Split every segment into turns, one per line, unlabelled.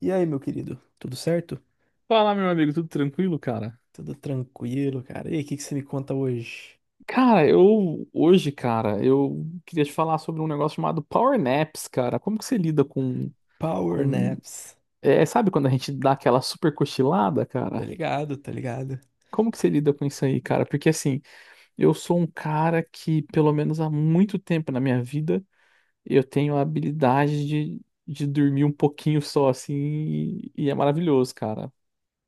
E aí, meu querido, tudo certo?
Fala, meu amigo, tudo tranquilo, cara?
Tudo tranquilo, cara. E aí, o que que você me conta hoje?
Cara, eu hoje, cara, eu queria te falar sobre um negócio chamado power naps, cara. Como que você lida
Power
com
naps.
sabe quando a gente dá aquela super cochilada,
Tá
cara?
ligado, tá ligado?
Como que você lida com isso aí, cara? Porque assim, eu sou um cara que, pelo menos há muito tempo na minha vida, eu tenho a habilidade de dormir um pouquinho só, assim, e é maravilhoso, cara.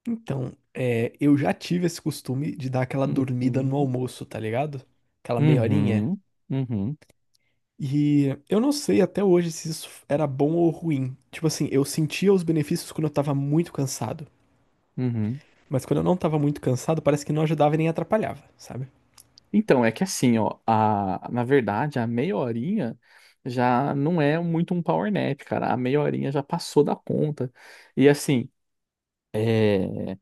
Então, eu já tive esse costume de dar aquela dormida no
Uhum,
almoço, tá ligado? Aquela meia horinha.
uhum, uhum,
E eu não sei até hoje se isso era bom ou ruim. Tipo assim, eu sentia os benefícios quando eu tava muito cansado.
uhum.
Mas quando eu não tava muito cansado, parece que não ajudava e nem atrapalhava, sabe?
Então, é que assim, ó, a, na verdade, a meia horinha já não é muito um power nap, cara. A meia horinha já passou da conta. E assim, é,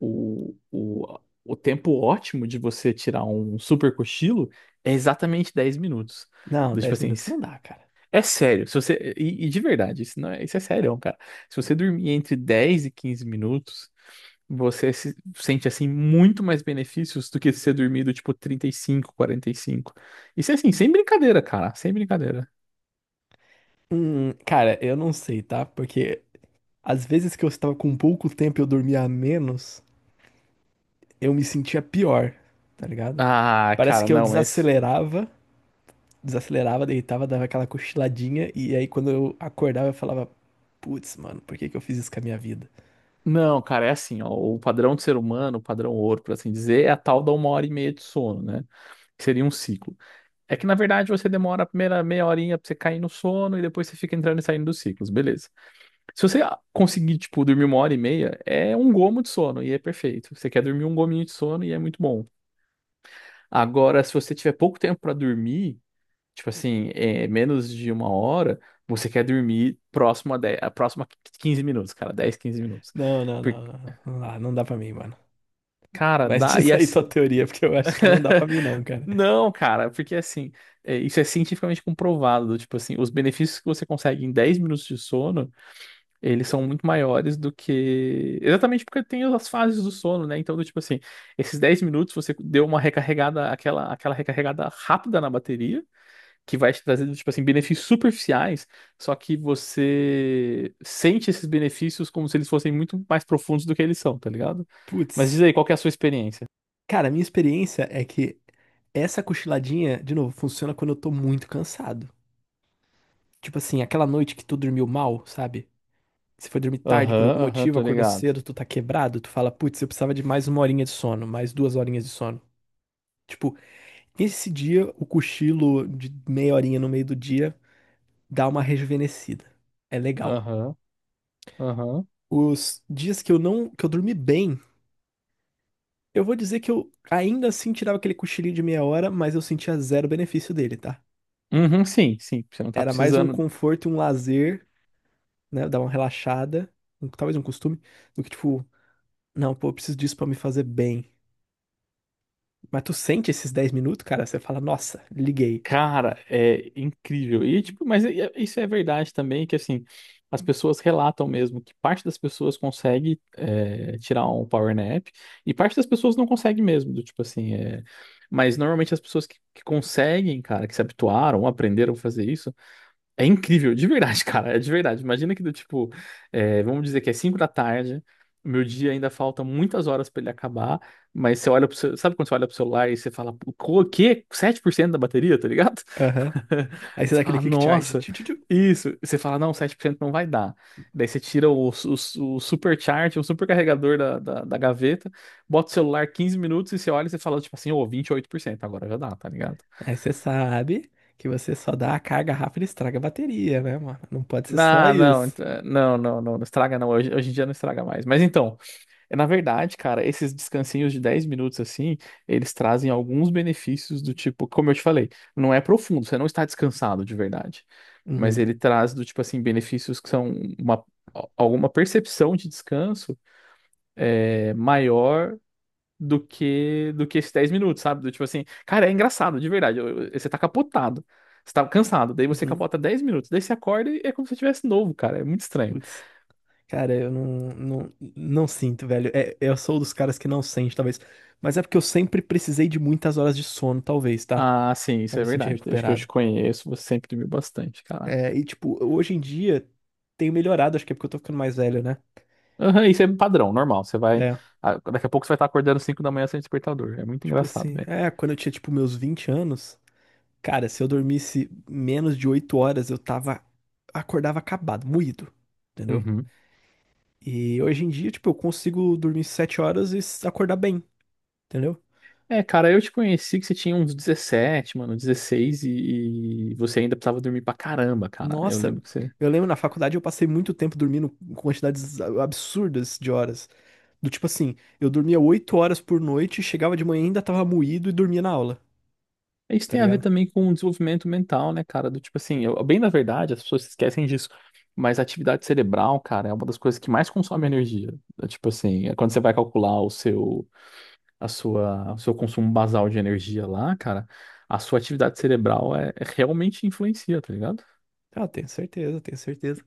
o, o, o tempo ótimo de você tirar um super cochilo é exatamente 10 minutos.
Não,
Tipo
10
assim,
minutos não dá, cara.
é sério, se você. E de verdade, isso, não é, isso é sério, cara. Se você dormir entre 10 e 15 minutos, você se- sente assim muito mais benefícios do que se você dormir do tipo trinta e cinco, quarenta e cinco. Isso é assim, sem brincadeira, cara. Sem brincadeira.
Cara, eu não sei, tá? Porque às vezes que eu estava com pouco tempo e eu dormia menos, eu me sentia pior, tá ligado?
Ah,
Parece
cara,
que eu
não, mas.
desacelerava, desacelerava, deitava, dava aquela cochiladinha, e aí quando eu acordava eu falava, putz, mano, por que que eu fiz isso com a minha vida?
Não, cara, é assim, ó. O padrão do ser humano, o padrão ouro, por assim dizer, é a tal da uma hora e meia de sono, né? Que seria um ciclo. É que, na verdade, você demora a primeira meia horinha pra você cair no sono e depois você fica entrando e saindo dos ciclos, beleza. Se você conseguir, tipo, dormir uma hora e meia, é um gomo de sono e é perfeito. Você quer dormir um gominho de sono e é muito bom. Agora, se você tiver pouco tempo pra dormir, tipo assim, menos de uma hora, você quer dormir próximo a dez a próxima 15 minutos, cara, 10 15 minutos.
Não, não,
Porque,
não, não, não dá, não dá pra mim, mano.
cara,
Mas
dá. E
diz aí
assim...
tua teoria, porque eu acho que não dá pra mim não, cara.
Não, cara, porque assim, isso é cientificamente comprovado. Tipo assim, os benefícios que você consegue em 10 minutos de sono, eles são muito maiores do que. Exatamente porque tem as fases do sono, né? Então, do tipo assim, esses 10 minutos você deu uma recarregada, aquela recarregada rápida na bateria, que vai te trazer, tipo assim, benefícios superficiais, só que você sente esses benefícios como se eles fossem muito mais profundos do que eles são, tá ligado? Mas diz
Putz,
aí, qual que é a sua experiência?
cara, a minha experiência é que essa cochiladinha, de novo, funciona quando eu tô muito cansado. Tipo assim, aquela noite que tu dormiu mal, sabe? Você foi dormir tarde por
Aham,
algum
aham,
motivo,
tô
acordou
ligado.
cedo, tu tá quebrado, tu fala, putz, eu precisava de mais uma horinha de sono, mais duas horinhas de sono. Tipo, nesse dia, o cochilo de meia horinha no meio do dia dá uma rejuvenescida. É legal.
Aham, aham.
Os dias que eu não, que eu dormi bem, eu vou dizer que eu ainda assim tirava aquele cochilinho de meia hora, mas eu sentia zero benefício dele, tá?
Uhum, sim, sim. Você não tá
Era mais um
precisando.
conforto e um lazer, né? Dar uma relaxada, talvez um costume, do que tipo, não, pô, eu preciso disso pra me fazer bem. Mas tu sente esses 10 minutos, cara, você fala, nossa, liguei.
Cara, é incrível. E, tipo, mas isso é verdade também, que assim, as pessoas relatam mesmo que parte das pessoas consegue tirar um power nap e parte das pessoas não consegue mesmo, do tipo assim, é... Mas normalmente as pessoas que conseguem, cara, que se habituaram, aprenderam a fazer isso, é incrível, de verdade, cara, é de verdade. Imagina que do tipo, vamos dizer que é 5 da tarde, o meu dia ainda falta muitas horas pra ele acabar, mas você olha pro seu, sabe quando você olha pro celular e você fala, o quê? Sete por cento da bateria, tá ligado?
Aham. Aí
E
você dá
você
aquele
fala,
quick charge.
nossa,
Tchu, tchu, tchu.
isso. E você fala, não, 7% não vai dar. Daí você tira o supercharge, o supercarregador da, da, da gaveta, bota o celular 15 minutos e você olha e você fala, tipo assim, ô, 28% agora já dá, tá ligado?
Aí você sabe que você só dá a carga rápida e estraga a bateria, né, mano? Não pode ser só
Ah, não,
isso.
não, não, não, não estraga não, hoje, hoje em dia não estraga mais. Mas então, na verdade, cara, esses descansinhos de 10 minutos assim, eles trazem alguns benefícios do tipo, como eu te falei, não é profundo, você não está descansado de verdade, mas
Uhum.
ele traz do tipo assim, benefícios que são uma, alguma percepção de descanso maior do que esses 10 minutos, sabe? Do tipo assim, cara, é engraçado, de verdade, você tá capotado. Você tá cansado, daí você
Uhum.
capota 10 minutos, daí você acorda e é como se você tivesse novo, cara. É muito estranho.
Putz. Cara, eu não sinto, velho. É, eu sou dos caras que não sente, talvez. Mas é porque eu sempre precisei de muitas horas de sono, talvez, tá?
Ah, sim,
Pra
isso
me
é
sentir
verdade. Desde que eu te
recuperado.
conheço, você sempre dormiu bastante, cara.
E tipo, hoje em dia tenho melhorado, acho que é porque eu tô ficando mais velho, né?
Aham, isso é padrão, normal. Você vai.
É.
Daqui a pouco você vai estar acordando às 5 da manhã sem despertador. É muito
Tipo
engraçado,
assim,
velho.
quando eu tinha, tipo, meus 20 anos. Cara, se eu dormisse menos de 8 horas, eu tava, acordava acabado, moído, entendeu?
Uhum.
E hoje em dia, tipo, eu consigo dormir 7 horas e acordar bem, entendeu?
É, cara, eu te conheci que você tinha uns 17, mano, 16 e você ainda precisava dormir pra caramba, cara. Eu
Nossa,
lembro que você.
eu lembro na faculdade eu passei muito tempo dormindo com quantidades absurdas de horas. Do tipo assim, eu dormia 8 horas por noite, chegava de manhã e ainda tava moído e dormia na aula,
Isso
tá
tem a ver
ligado?
também com o desenvolvimento mental, né, cara? Do tipo assim, bem na verdade, as pessoas se esquecem disso. Mas a atividade cerebral, cara, é uma das coisas que mais consome energia. É. Tipo assim, é quando você vai calcular o seu. A sua, o seu consumo basal de energia lá, cara, a sua atividade cerebral realmente influencia, tá ligado?
Ah, tenho certeza, tenho certeza.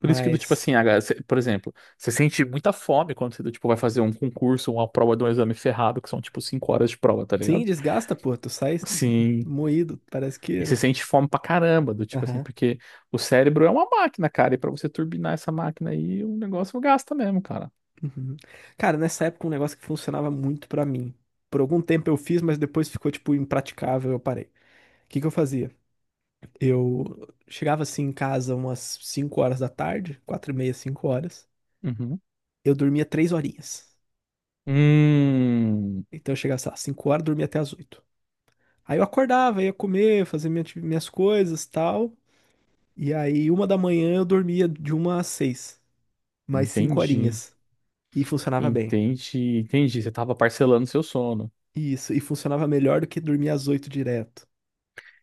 Por isso que do tipo assim, por exemplo, você sente muita fome quando você do tipo vai fazer um concurso, uma prova de um exame ferrado, que são tipo cinco horas de prova, tá
sim,
ligado?
desgasta, pô, tu sai
Sim.
moído, parece
E
que.
você sente fome pra caramba, do tipo assim,
Aham.
porque o cérebro é uma máquina, cara, e pra você turbinar essa máquina aí, o negócio gasta mesmo, cara.
Uhum. Cara, nessa época um negócio que funcionava muito pra mim. Por algum tempo eu fiz, mas depois ficou tipo impraticável, eu parei. O que que eu fazia? Eu chegava assim em casa umas 5 horas da tarde, 4 e meia, 5 horas.
Uhum.
Eu dormia 3 horinhas.
Hum,
Então eu chegava, sei lá, 5 horas, dormia até as 8. Aí eu acordava, ia comer, fazer minhas coisas, tal. E aí uma da manhã eu dormia de uma às 6, mais 5
entendi.
horinhas. E funcionava bem.
Entendi, entendi. Você tava parcelando seu sono.
Isso, e funcionava melhor do que dormir às 8 direto.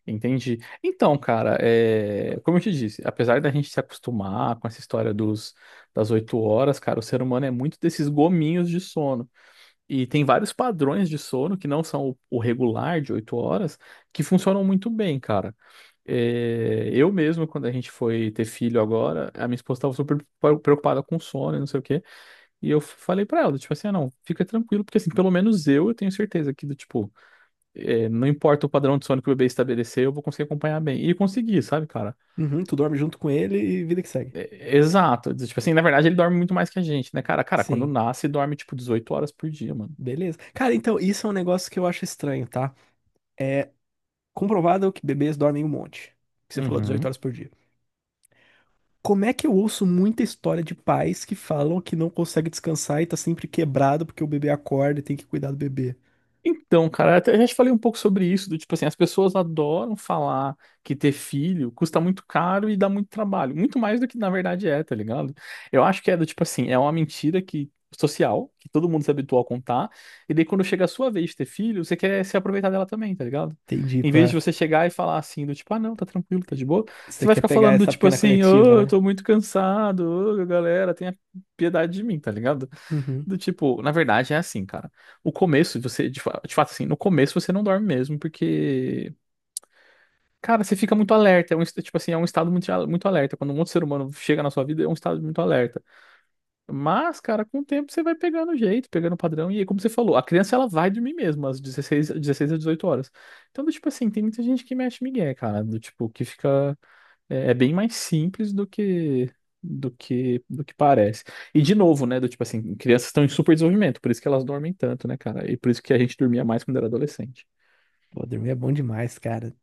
Entendi. Então, cara, como eu te disse, apesar da gente se acostumar com essa história das oito horas, cara, o ser humano é muito desses gominhos de sono. E tem vários padrões de sono que não são o regular de oito horas que funcionam muito bem, cara. É. Eu mesmo, quando a gente foi ter filho agora, a minha esposa estava preocupada com sono e não sei o quê. E eu falei pra ela, tipo assim, ah, não, fica tranquilo, porque assim, pelo menos eu tenho certeza que, do tipo, não importa o padrão de sono que o bebê estabelecer, eu vou conseguir acompanhar bem. E consegui, sabe, cara?
Uhum, tu dorme junto com ele e vida que segue.
É exato. Tipo assim, na verdade, ele dorme muito mais que a gente, né, cara? Cara, quando
Sim,
nasce, dorme, tipo, 18 horas por dia, mano.
beleza. Cara, então, isso é um negócio que eu acho estranho, tá? É comprovado que bebês dormem um monte. Que você falou 18
Uhum.
horas por dia. Como é que eu ouço muita história de pais que falam que não consegue descansar e tá sempre quebrado porque o bebê acorda e tem que cuidar do bebê?
Então, cara, até já te falei um pouco sobre isso, do tipo assim, as pessoas adoram falar que ter filho custa muito caro e dá muito trabalho, muito mais do que na verdade é, tá ligado? Eu acho que é do tipo assim, é uma mentira que social, que todo mundo se habituou a contar, e daí quando chega a sua vez de ter filho, você quer se aproveitar dela também, tá ligado?
Entendi,
Em vez de
pá.
você chegar e falar assim, do tipo, ah, não, tá tranquilo, tá de boa, você
Você
vai
quer
ficar
pegar
falando do
essa
tipo
pena
assim,
coletiva,
ô, eu
né?
tô muito cansado, ô, galera, tenha piedade de mim, tá ligado?
Uhum.
Do tipo, na verdade é assim, cara. O começo, você, de fato, assim, no começo você não dorme mesmo, porque, cara, você fica muito alerta. É um, tipo assim, é um estado muito, muito alerta. Quando um outro ser humano chega na sua vida, é um estado muito alerta. Mas, cara, com o tempo você vai pegando o jeito, pegando o padrão. E aí, como você falou, a criança ela vai dormir mesmo, às 16 a 18 horas. Então, do tipo assim, tem muita gente que mexe migué, cara. Do tipo, que fica. É, é bem mais simples do que parece. E de novo, né, do tipo assim, crianças estão em super desenvolvimento, por isso que elas dormem tanto, né, cara? E por isso que a gente dormia mais quando era adolescente.
Pô, dormir é bom demais, cara.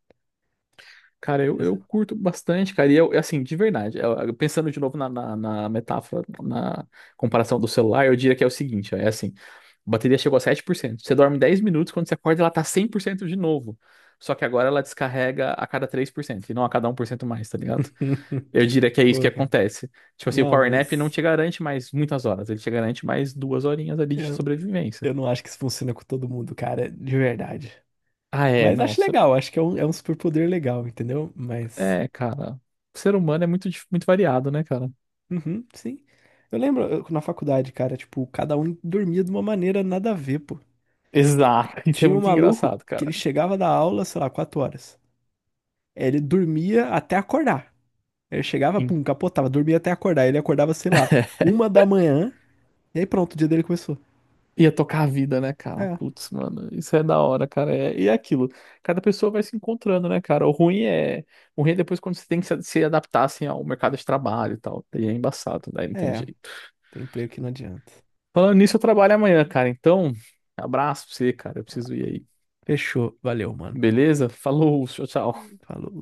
Cara,
Essa-
eu curto bastante, cara. E eu, assim, de verdade, eu pensando de novo na, na, na metáfora, na comparação do celular, eu diria que é o seguinte, ó, é assim, a bateria chegou a 7%. Você dorme 10 minutos, quando você acorda ela tá 100% de novo. Só que agora ela descarrega a cada 3% e não a cada um por cento mais, tá ligado? Eu diria que é isso que
Pô, cara.
acontece. Tipo assim, o
Não,
Power Nap não
mas
te garante mais muitas horas, ele te garante mais duas horinhas ali de
eu,
sobrevivência.
eu não acho que isso funciona com todo mundo, cara, de verdade.
Ah, é,
Mas
não.
acho
Cê-
legal, acho que é um superpoder legal, entendeu? Mas.
é, cara. O ser humano é muito, muito variado, né, cara?
Uhum, sim. Eu lembro na faculdade, cara, tipo, cada um dormia de uma maneira nada a ver, pô.
Exato. Isso é
Tinha um
muito
maluco
engraçado,
que ele
cara.
chegava da aula, sei lá, 4 horas. Ele dormia até acordar. Ele chegava,
Em-
pum, capotava, dormia até acordar. Ele acordava, sei lá, uma da manhã, e aí pronto, o dia dele começou.
Ia tocar a vida, né, cara?
É,
Putz, mano, isso é da hora, cara. É... E é aquilo. Cada pessoa vai se encontrando, né, cara? O ruim é. O ruim é depois quando você tem que se adaptar, assim, ao mercado de trabalho e tal. Daí é embaçado, daí não tem
é,
jeito.
tem emprego que não adianta.
Falando nisso, eu trabalho amanhã, cara. Então, abraço pra você, cara. Eu preciso ir aí.
Fechou, valeu, mano.
Beleza? Falou, tchau, tchau.
Falou.